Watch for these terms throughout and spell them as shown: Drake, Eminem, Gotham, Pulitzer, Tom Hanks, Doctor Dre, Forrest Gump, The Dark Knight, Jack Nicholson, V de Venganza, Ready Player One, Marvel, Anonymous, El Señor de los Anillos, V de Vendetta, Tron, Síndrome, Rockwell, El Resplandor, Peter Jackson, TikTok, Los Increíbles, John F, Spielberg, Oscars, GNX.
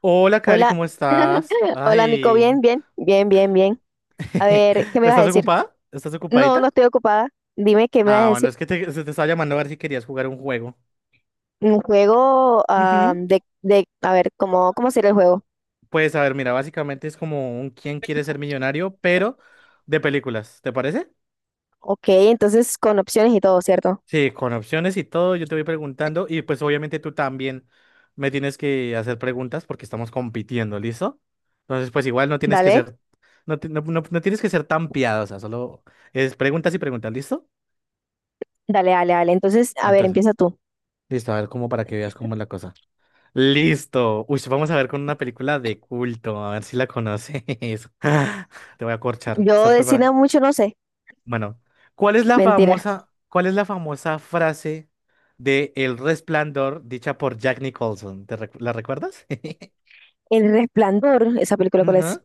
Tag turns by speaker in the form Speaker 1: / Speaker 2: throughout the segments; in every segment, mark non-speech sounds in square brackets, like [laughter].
Speaker 1: Hola, Cari,
Speaker 2: Hola,
Speaker 1: ¿cómo estás?
Speaker 2: [laughs] hola Nico, bien,
Speaker 1: Ay,
Speaker 2: bien, bien, bien, bien. A
Speaker 1: [laughs]
Speaker 2: ver, ¿qué me vas a
Speaker 1: ¿estás
Speaker 2: decir?
Speaker 1: ocupada? ¿Estás
Speaker 2: No,
Speaker 1: ocupadita?
Speaker 2: no estoy ocupada. Dime qué me vas a
Speaker 1: Bueno,
Speaker 2: decir.
Speaker 1: es que se te estaba llamando a ver si querías jugar un juego.
Speaker 2: Un juego ah,
Speaker 1: Ujú.
Speaker 2: a ver, ¿cómo sería el juego?
Speaker 1: Pues a ver, mira, básicamente es como un quién quiere ser millonario, pero de películas, ¿te parece?
Speaker 2: Ok, entonces con opciones y todo, ¿cierto?
Speaker 1: Sí, con opciones y todo, yo te voy preguntando y pues obviamente tú también me tienes que hacer preguntas porque estamos compitiendo, ¿listo? Entonces, pues igual no tienes que
Speaker 2: Dale,
Speaker 1: ser, no, no, no tienes que ser tan piadosa, solo es preguntas y preguntas, ¿listo?
Speaker 2: dale, dale, dale. Entonces, a ver,
Speaker 1: Entonces,
Speaker 2: empieza tú.
Speaker 1: listo, a ver cómo, para que veas cómo es la cosa. Listo. Uy, sí, vamos a ver con una película de culto, a ver si la conoces. [laughs] Te voy a corchar.
Speaker 2: Yo
Speaker 1: ¿Estás
Speaker 2: de cine
Speaker 1: preparada?
Speaker 2: mucho no sé.
Speaker 1: Bueno,
Speaker 2: Mentira.
Speaker 1: ¿cuál es la famosa frase de El Resplandor dicha por Jack Nicholson? ¿La recuerdas? [laughs]
Speaker 2: El Resplandor, esa película, ¿cuál es?
Speaker 1: Ujú.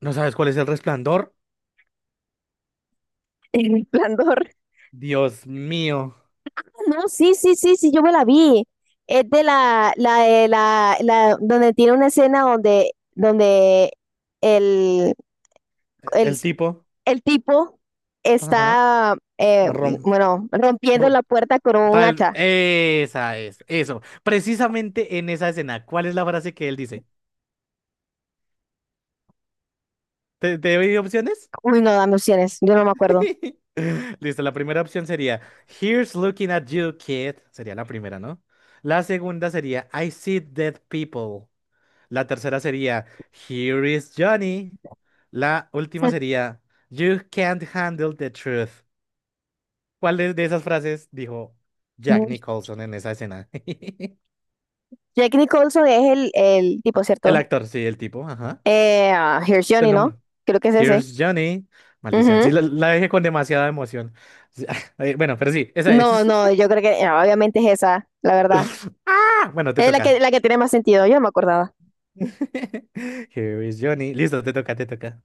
Speaker 1: ¿No sabes cuál es El Resplandor?
Speaker 2: [laughs] El Resplandor.
Speaker 1: Dios mío,
Speaker 2: No, sí, sí, sí, sí, yo me la vi. Es de la de la, donde tiene una escena donde el, el,
Speaker 1: el tipo.
Speaker 2: el tipo
Speaker 1: Ajá.
Speaker 2: está,
Speaker 1: Rom,
Speaker 2: bueno, rompiendo
Speaker 1: rom-
Speaker 2: la puerta con un
Speaker 1: Tal,
Speaker 2: hacha.
Speaker 1: esa es, eso. Precisamente en esa escena, ¿cuál es la frase que él dice? ¿Te doy opciones?
Speaker 2: Uy, no, dame opciones, yo no me acuerdo.
Speaker 1: [laughs] Listo, la primera opción sería Here's looking at you, kid. Sería la primera, ¿no? La segunda sería I see dead people. La tercera sería Here is Johnny. La última sería You can't handle the truth. ¿Cuál de esas frases dijo Jack
Speaker 2: Uy.
Speaker 1: Nicholson en esa escena? [laughs]
Speaker 2: Jack Nicholson es el tipo,
Speaker 1: El
Speaker 2: ¿cierto?
Speaker 1: actor, sí, el tipo, ajá.
Speaker 2: Ah, Here's
Speaker 1: Es el
Speaker 2: Johnny, ¿no?
Speaker 1: nombre.
Speaker 2: Creo que es ese.
Speaker 1: Here's Johnny. Maldición,
Speaker 2: Ujú.
Speaker 1: sí, la dejé con demasiada emoción. Sí, [laughs] bueno, pero sí, esa
Speaker 2: No,
Speaker 1: es.
Speaker 2: no, yo creo que obviamente es esa, la
Speaker 1: [laughs]
Speaker 2: verdad.
Speaker 1: Ah, bueno, te
Speaker 2: Es la que,
Speaker 1: toca.
Speaker 2: la que tiene más sentido, yo no me acordaba.
Speaker 1: [laughs] Here is Johnny. Listo, te toca, te toca.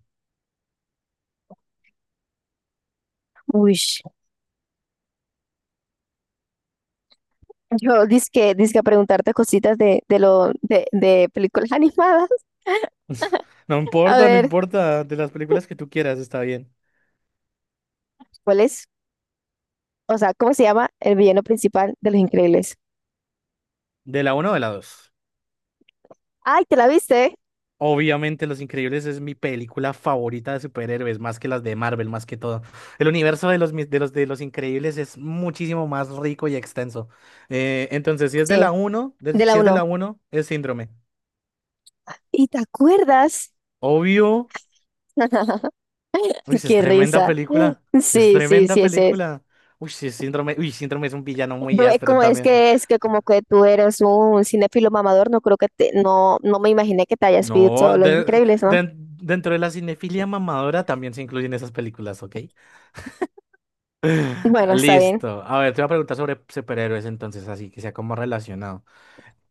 Speaker 2: Uy. Yo dizque a preguntarte cositas de lo de películas animadas. [laughs]
Speaker 1: [laughs] No
Speaker 2: A
Speaker 1: importa, no
Speaker 2: ver,
Speaker 1: importa. De las películas que tú quieras, está bien.
Speaker 2: ¿cuál es? O sea, ¿cómo se llama el villano principal de Los Increíbles?
Speaker 1: ¿De la uno o de la dos?
Speaker 2: Ay, ¿te la viste?
Speaker 1: Obviamente, Los Increíbles es mi película favorita de superhéroes, más que las de Marvel, más que todo. El universo de de de los Increíbles es muchísimo más rico y extenso. Entonces, si es de
Speaker 2: Sí,
Speaker 1: la uno,
Speaker 2: de
Speaker 1: si
Speaker 2: la
Speaker 1: es de
Speaker 2: uno.
Speaker 1: la uno, es Síndrome.
Speaker 2: ¿Y te acuerdas?
Speaker 1: Obvio.
Speaker 2: [laughs]
Speaker 1: Uy, sí, es
Speaker 2: Qué
Speaker 1: tremenda
Speaker 2: risa.
Speaker 1: película. Es
Speaker 2: Sí, sí,
Speaker 1: tremenda
Speaker 2: sí, ese es.
Speaker 1: película. Uy, sí, Síndrome. Uy, Síndrome es un villano muy
Speaker 2: Yo,
Speaker 1: áspero
Speaker 2: como es
Speaker 1: también.
Speaker 2: que es que como que tú eres un cinéfilo mamador, no creo que te, no, no me imaginé que te hayas visto
Speaker 1: No,
Speaker 2: Los Increíbles, ¿no?
Speaker 1: dentro de la cinefilia mamadora también se incluyen esas películas, ¿ok? [laughs]
Speaker 2: Bueno, está bien.
Speaker 1: Listo. A ver, te voy a preguntar sobre superhéroes entonces, así que sea como relacionado.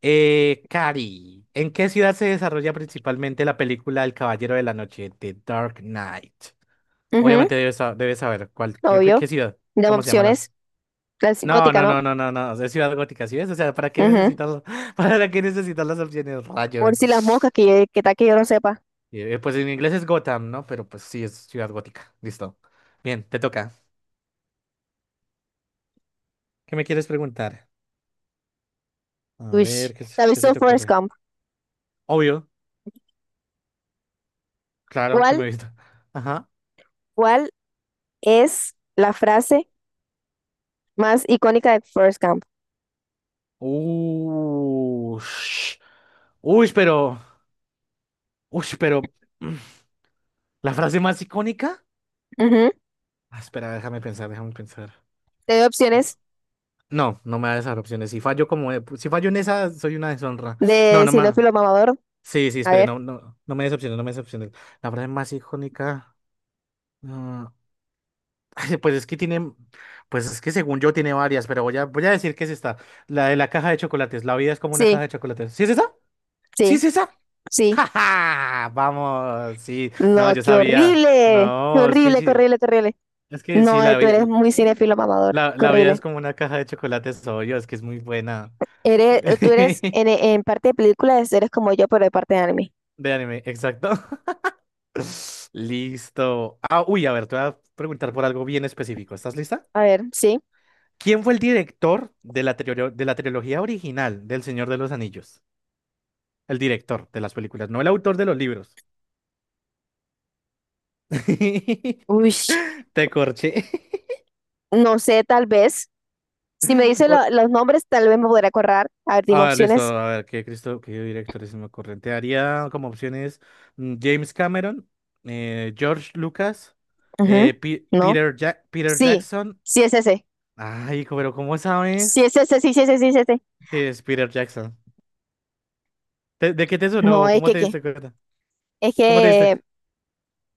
Speaker 1: Cari, ¿en qué ciudad se desarrolla principalmente la película El Caballero de la Noche, The Dark Knight?
Speaker 2: Ujú,
Speaker 1: Obviamente debes saber cuál,
Speaker 2: obvio.
Speaker 1: qué ciudad,
Speaker 2: De
Speaker 1: cómo se llaman las...
Speaker 2: opciones, clásica,
Speaker 1: No,
Speaker 2: gótica,
Speaker 1: no, no, no, no, no, es ciudad gótica, ¿sí ves? O sea, ¿para qué
Speaker 2: ¿no?
Speaker 1: necesitas, [laughs] para qué necesitas las opciones,
Speaker 2: Por
Speaker 1: rayos?
Speaker 2: si las moscas, que tal que yo no sepa.
Speaker 1: Y, pues en inglés es Gotham, ¿no? Pero pues sí, es ciudad gótica. Listo. Bien, te toca. ¿Qué me quieres preguntar? A
Speaker 2: Uy,
Speaker 1: ver,
Speaker 2: ¿te has
Speaker 1: ¿qué se
Speaker 2: visto
Speaker 1: te
Speaker 2: Forrest
Speaker 1: ocurre?
Speaker 2: Gump?
Speaker 1: Obvio, claro que me he
Speaker 2: ¿Cuál,
Speaker 1: visto. [laughs] Ajá.
Speaker 2: cuál es la frase más icónica de Forrest Gump?
Speaker 1: Ush. Uy, pero. Uy, pero. [clears throat] mm, ¿la frase más icónica?
Speaker 2: Ujú.
Speaker 1: Ah, espera, déjame pensar, déjame pensar.
Speaker 2: Te doy opciones
Speaker 1: No, no me da esas opciones. Si fallo en esa, soy una deshonra. No,
Speaker 2: de
Speaker 1: no me.
Speaker 2: sinófilo mamador.
Speaker 1: Sí, sí,
Speaker 2: A
Speaker 1: espere,
Speaker 2: ver.
Speaker 1: no, no, no me des opciones, no me des opciones. La frase más icónica. ah, [laughs] Ay, pues es que tiene, pues es que según yo tiene varias, pero voy a decir que es esta, la de la caja de chocolates. La vida es como una
Speaker 2: Sí,
Speaker 1: caja de chocolates. ¿Sí es esa? ¿Sí
Speaker 2: sí,
Speaker 1: es esa? [laughs]
Speaker 2: sí.
Speaker 1: ¡Ja, ja! Vamos, sí. No,
Speaker 2: No,
Speaker 1: yo
Speaker 2: qué
Speaker 1: sabía.
Speaker 2: horrible. Qué
Speaker 1: No,
Speaker 2: horrible, qué horrible, qué horrible.
Speaker 1: es que sí,
Speaker 2: No,
Speaker 1: la
Speaker 2: tú
Speaker 1: vida,
Speaker 2: eres muy cinéfilo mamador. Qué
Speaker 1: la vida es
Speaker 2: horrible.
Speaker 1: como una caja de chocolates, obvio, es que es muy buena.
Speaker 2: Tú eres
Speaker 1: [laughs]
Speaker 2: en parte de películas, eres como yo, pero de parte de anime.
Speaker 1: De anime, exacto. [laughs] Listo. Ah, uy, a ver, te voy a preguntar por algo bien específico. ¿Estás lista?
Speaker 2: A ver, sí.
Speaker 1: ¿Quién fue el director de de la trilogía original del Señor de los Anillos? El director de las películas, no el autor de los libros. [laughs]
Speaker 2: Uy.
Speaker 1: Te corché.
Speaker 2: No sé, tal vez. Si me dice
Speaker 1: [laughs] O-
Speaker 2: los nombres, tal vez me podré acordar. A ver, dime
Speaker 1: Ah, listo.
Speaker 2: opciones.
Speaker 1: A ver, Cristo, qué director es me ocurre? Haría como opciones: James Cameron, George Lucas,
Speaker 2: Ujú, no.
Speaker 1: Peter, Peter
Speaker 2: Sí,
Speaker 1: Jackson.
Speaker 2: sí es ese.
Speaker 1: Ay, pero ¿cómo
Speaker 2: Sí
Speaker 1: sabes?
Speaker 2: es ese, sí, sí sí ese, sí es ese.
Speaker 1: Sí, es Peter Jackson. ¿De qué te
Speaker 2: No,
Speaker 1: sonó?
Speaker 2: es
Speaker 1: ¿Cómo
Speaker 2: que,
Speaker 1: te
Speaker 2: ¿qué?
Speaker 1: diste cuenta?
Speaker 2: Es
Speaker 1: ¿Cómo te diste?
Speaker 2: que...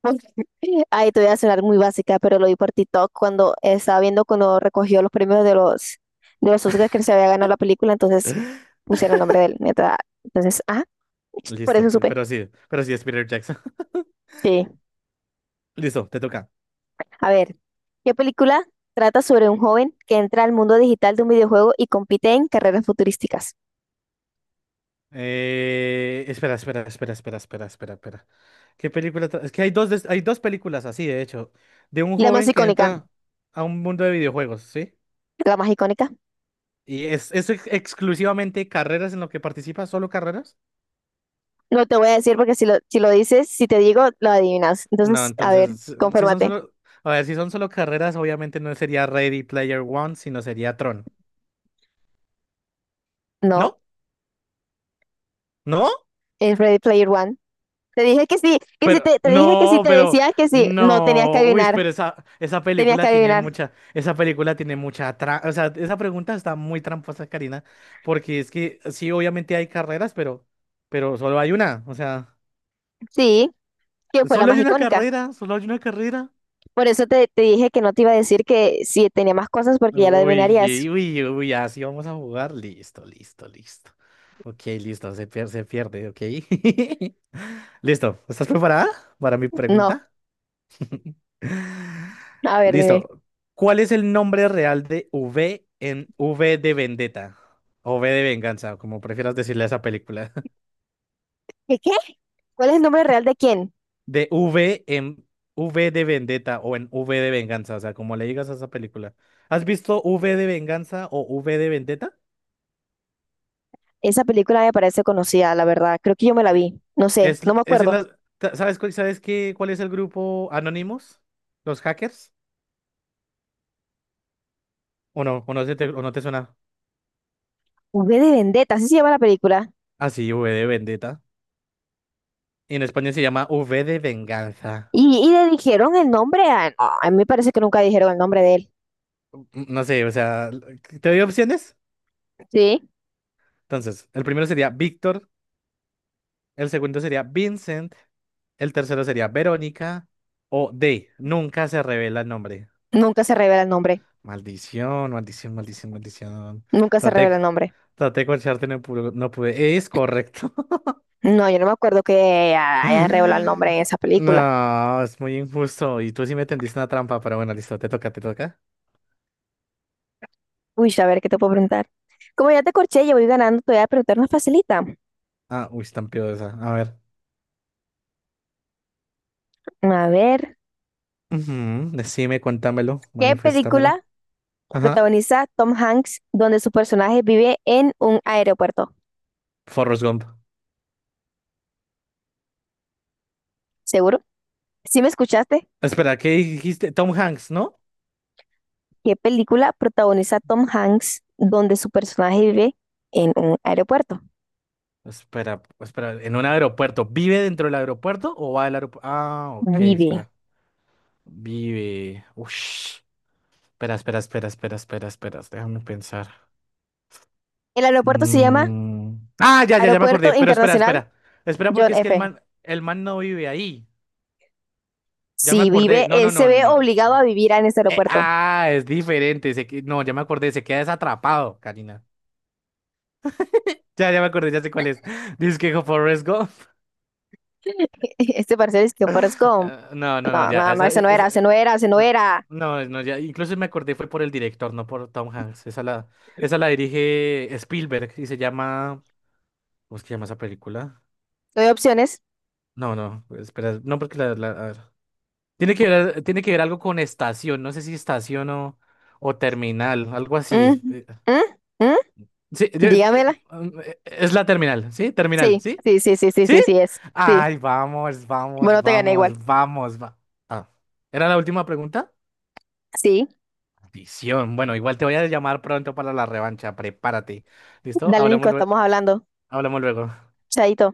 Speaker 2: [laughs] Ay, te voy a sonar muy básica, pero lo vi por TikTok cuando estaba viendo cuando recogió los premios de los Oscars que se había ganado la película, entonces pusieron el nombre de él. Neta. Entonces, ah, por
Speaker 1: Listo,
Speaker 2: eso supe.
Speaker 1: pero sí es Peter Jackson.
Speaker 2: Sí.
Speaker 1: [laughs] Listo, te toca.
Speaker 2: A ver, ¿qué película trata sobre un joven que entra al mundo digital de un videojuego y compite en carreras futurísticas?
Speaker 1: Espera, espera, espera, espera, espera, espera, espera. Es que hay dos, hay dos películas así, de hecho, de un
Speaker 2: La más
Speaker 1: joven que
Speaker 2: icónica,
Speaker 1: entra a un mundo de videojuegos, ¿sí?
Speaker 2: la más icónica.
Speaker 1: Y es, exclusivamente carreras en lo que participa, solo carreras.
Speaker 2: No te voy a decir porque si lo dices, si te digo, lo adivinas.
Speaker 1: No,
Speaker 2: Entonces, a ver,
Speaker 1: entonces, si son
Speaker 2: conférmate.
Speaker 1: solo, a ver, si son solo carreras, obviamente no sería Ready Player One, sino sería Tron.
Speaker 2: No,
Speaker 1: ¿No? ¿No?
Speaker 2: es Ready Player One. Te dije que sí, que si
Speaker 1: Pero,
Speaker 2: te, te dije que si
Speaker 1: no,
Speaker 2: te
Speaker 1: pero,
Speaker 2: decía que sí. No, tenías que
Speaker 1: no. Uy,
Speaker 2: adivinar,
Speaker 1: pero esa
Speaker 2: tenías que
Speaker 1: película tiene
Speaker 2: adivinar.
Speaker 1: mucha, esa película tiene o sea, esa pregunta está muy tramposa, Karina, porque es que sí, obviamente hay carreras, pero solo hay una. O sea,
Speaker 2: Sí, que fue la
Speaker 1: solo hay
Speaker 2: más
Speaker 1: una
Speaker 2: icónica.
Speaker 1: carrera, solo hay una carrera.
Speaker 2: Por eso te dije que no te iba a decir que si tenía más cosas porque ya la adivinarías.
Speaker 1: Uy, uy, así vamos a jugar. Listo, listo, listo. Ok, listo, se pierde, ok. [laughs] Listo, ¿estás preparada para mi
Speaker 2: No,
Speaker 1: pregunta? [laughs]
Speaker 2: a ver, dime.
Speaker 1: Listo. ¿Cuál es el nombre real de V en V de Vendetta? O V de Venganza, como prefieras decirle a esa película. [laughs]
Speaker 2: ¿Qué qué? ¿Cuál es el nombre real de quién?
Speaker 1: De V en V de Vendetta o en V de Venganza, o sea, como le digas a esa película. ¿Has visto V de Venganza o V de Vendetta?
Speaker 2: Esa película me parece conocida, la verdad. Creo que yo me la
Speaker 1: Eh,
Speaker 2: vi. No sé, no me
Speaker 1: Es en
Speaker 2: acuerdo.
Speaker 1: las... ¿sabes qué, cuál es el grupo Anonymous? ¿Los hackers? ¿O no? ¿O no te suena?
Speaker 2: V de Vendetta, así se llama la película.
Speaker 1: Ah, sí, V de Vendetta. Y en España se llama V de Venganza.
Speaker 2: Y le dijeron el nombre no, a mí me parece que nunca dijeron el nombre de él.
Speaker 1: No sé, o sea, ¿te doy opciones?
Speaker 2: Sí.
Speaker 1: Entonces, el primero sería Víctor, el segundo sería Vincent, el tercero sería Verónica o D. Nunca se revela el nombre.
Speaker 2: Nunca se revela el nombre.
Speaker 1: Maldición, maldición, maldición, maldición.
Speaker 2: Nunca se
Speaker 1: Traté,
Speaker 2: revela el nombre.
Speaker 1: traté de corcharte, no pude, no pude. Es correcto.
Speaker 2: No, yo no me acuerdo que hayan revelado el nombre en
Speaker 1: [laughs]
Speaker 2: esa película.
Speaker 1: No, es muy injusto. Y tú sí me tendiste una trampa, pero bueno, listo, te toca, te toca.
Speaker 2: Uy, a ver, ¿qué te puedo preguntar? Como ya te corché, yo voy ganando, te voy a preguntar una facilita.
Speaker 1: Ah, uy, es tan piadosa. A ver.
Speaker 2: A ver,
Speaker 1: Ujú, decime, cuéntamelo,
Speaker 2: ¿qué
Speaker 1: maniféstamelo.
Speaker 2: película
Speaker 1: Ajá.
Speaker 2: protagoniza Tom Hanks donde su personaje vive en un aeropuerto?
Speaker 1: Forrest Gump.
Speaker 2: ¿Seguro? ¿Sí me escuchaste?
Speaker 1: Espera, ¿qué dijiste? Tom Hanks, ¿no?
Speaker 2: ¿Qué película protagoniza Tom Hanks donde su personaje vive en un aeropuerto?
Speaker 1: Espera, espera, en un aeropuerto. ¿Vive dentro del aeropuerto o va al aeropuerto? Ah, ok,
Speaker 2: Vive.
Speaker 1: espera. Vive. Ush. Espera, espera, espera, espera, espera, espera. Déjame pensar.
Speaker 2: El aeropuerto se llama
Speaker 1: Mm. Ah, ya, ya, ya me
Speaker 2: Aeropuerto
Speaker 1: acordé. Pero espera,
Speaker 2: Internacional
Speaker 1: espera. Espera, porque
Speaker 2: John
Speaker 1: es que
Speaker 2: F.
Speaker 1: el man no vive ahí. Ya me
Speaker 2: Si
Speaker 1: acordé.
Speaker 2: vive,
Speaker 1: No,
Speaker 2: él
Speaker 1: no,
Speaker 2: se
Speaker 1: no,
Speaker 2: ve
Speaker 1: no.
Speaker 2: obligado a vivir en ese aeropuerto.
Speaker 1: Es diferente. No, ya me acordé. Se queda desatrapado, Karina. Ya, ya me acordé, ya sé cuál es. [laughs] Dice que Forrest Gump.
Speaker 2: [laughs] Este parcial es que Forrest Gump.
Speaker 1: No, no, no,
Speaker 2: No,
Speaker 1: ya.
Speaker 2: no, no, ese no era, ese no era, ese no
Speaker 1: No,
Speaker 2: era.
Speaker 1: no, no, ya. Incluso me acordé, fue por el director, no por Tom Hanks. Esa la dirige Spielberg y se llama. ¿Cómo es que se llama esa película?
Speaker 2: Doy opciones.
Speaker 1: No, no, espera. No, porque a ver. Tiene que ver, tiene que ver algo con estación. No sé si estación o terminal, algo así.
Speaker 2: Mm, mm, mm.
Speaker 1: Sí, yo- eh,
Speaker 2: Dígamela.
Speaker 1: es la terminal, ¿sí? Terminal,
Speaker 2: Sí,
Speaker 1: ¿sí?
Speaker 2: sí, sí, sí, sí,
Speaker 1: ¿Sí?
Speaker 2: sí, sí es. Sí.
Speaker 1: Ay, vamos, vamos,
Speaker 2: Bueno, te gané igual.
Speaker 1: vamos, vamos, va. Ah, ¿era la última pregunta?
Speaker 2: Sí,
Speaker 1: Visión. Bueno, igual te voy a llamar pronto para la revancha. Prepárate. ¿Listo?
Speaker 2: dale, Nico,
Speaker 1: Hablamos,
Speaker 2: estamos hablando.
Speaker 1: hablamos luego.
Speaker 2: Chaito.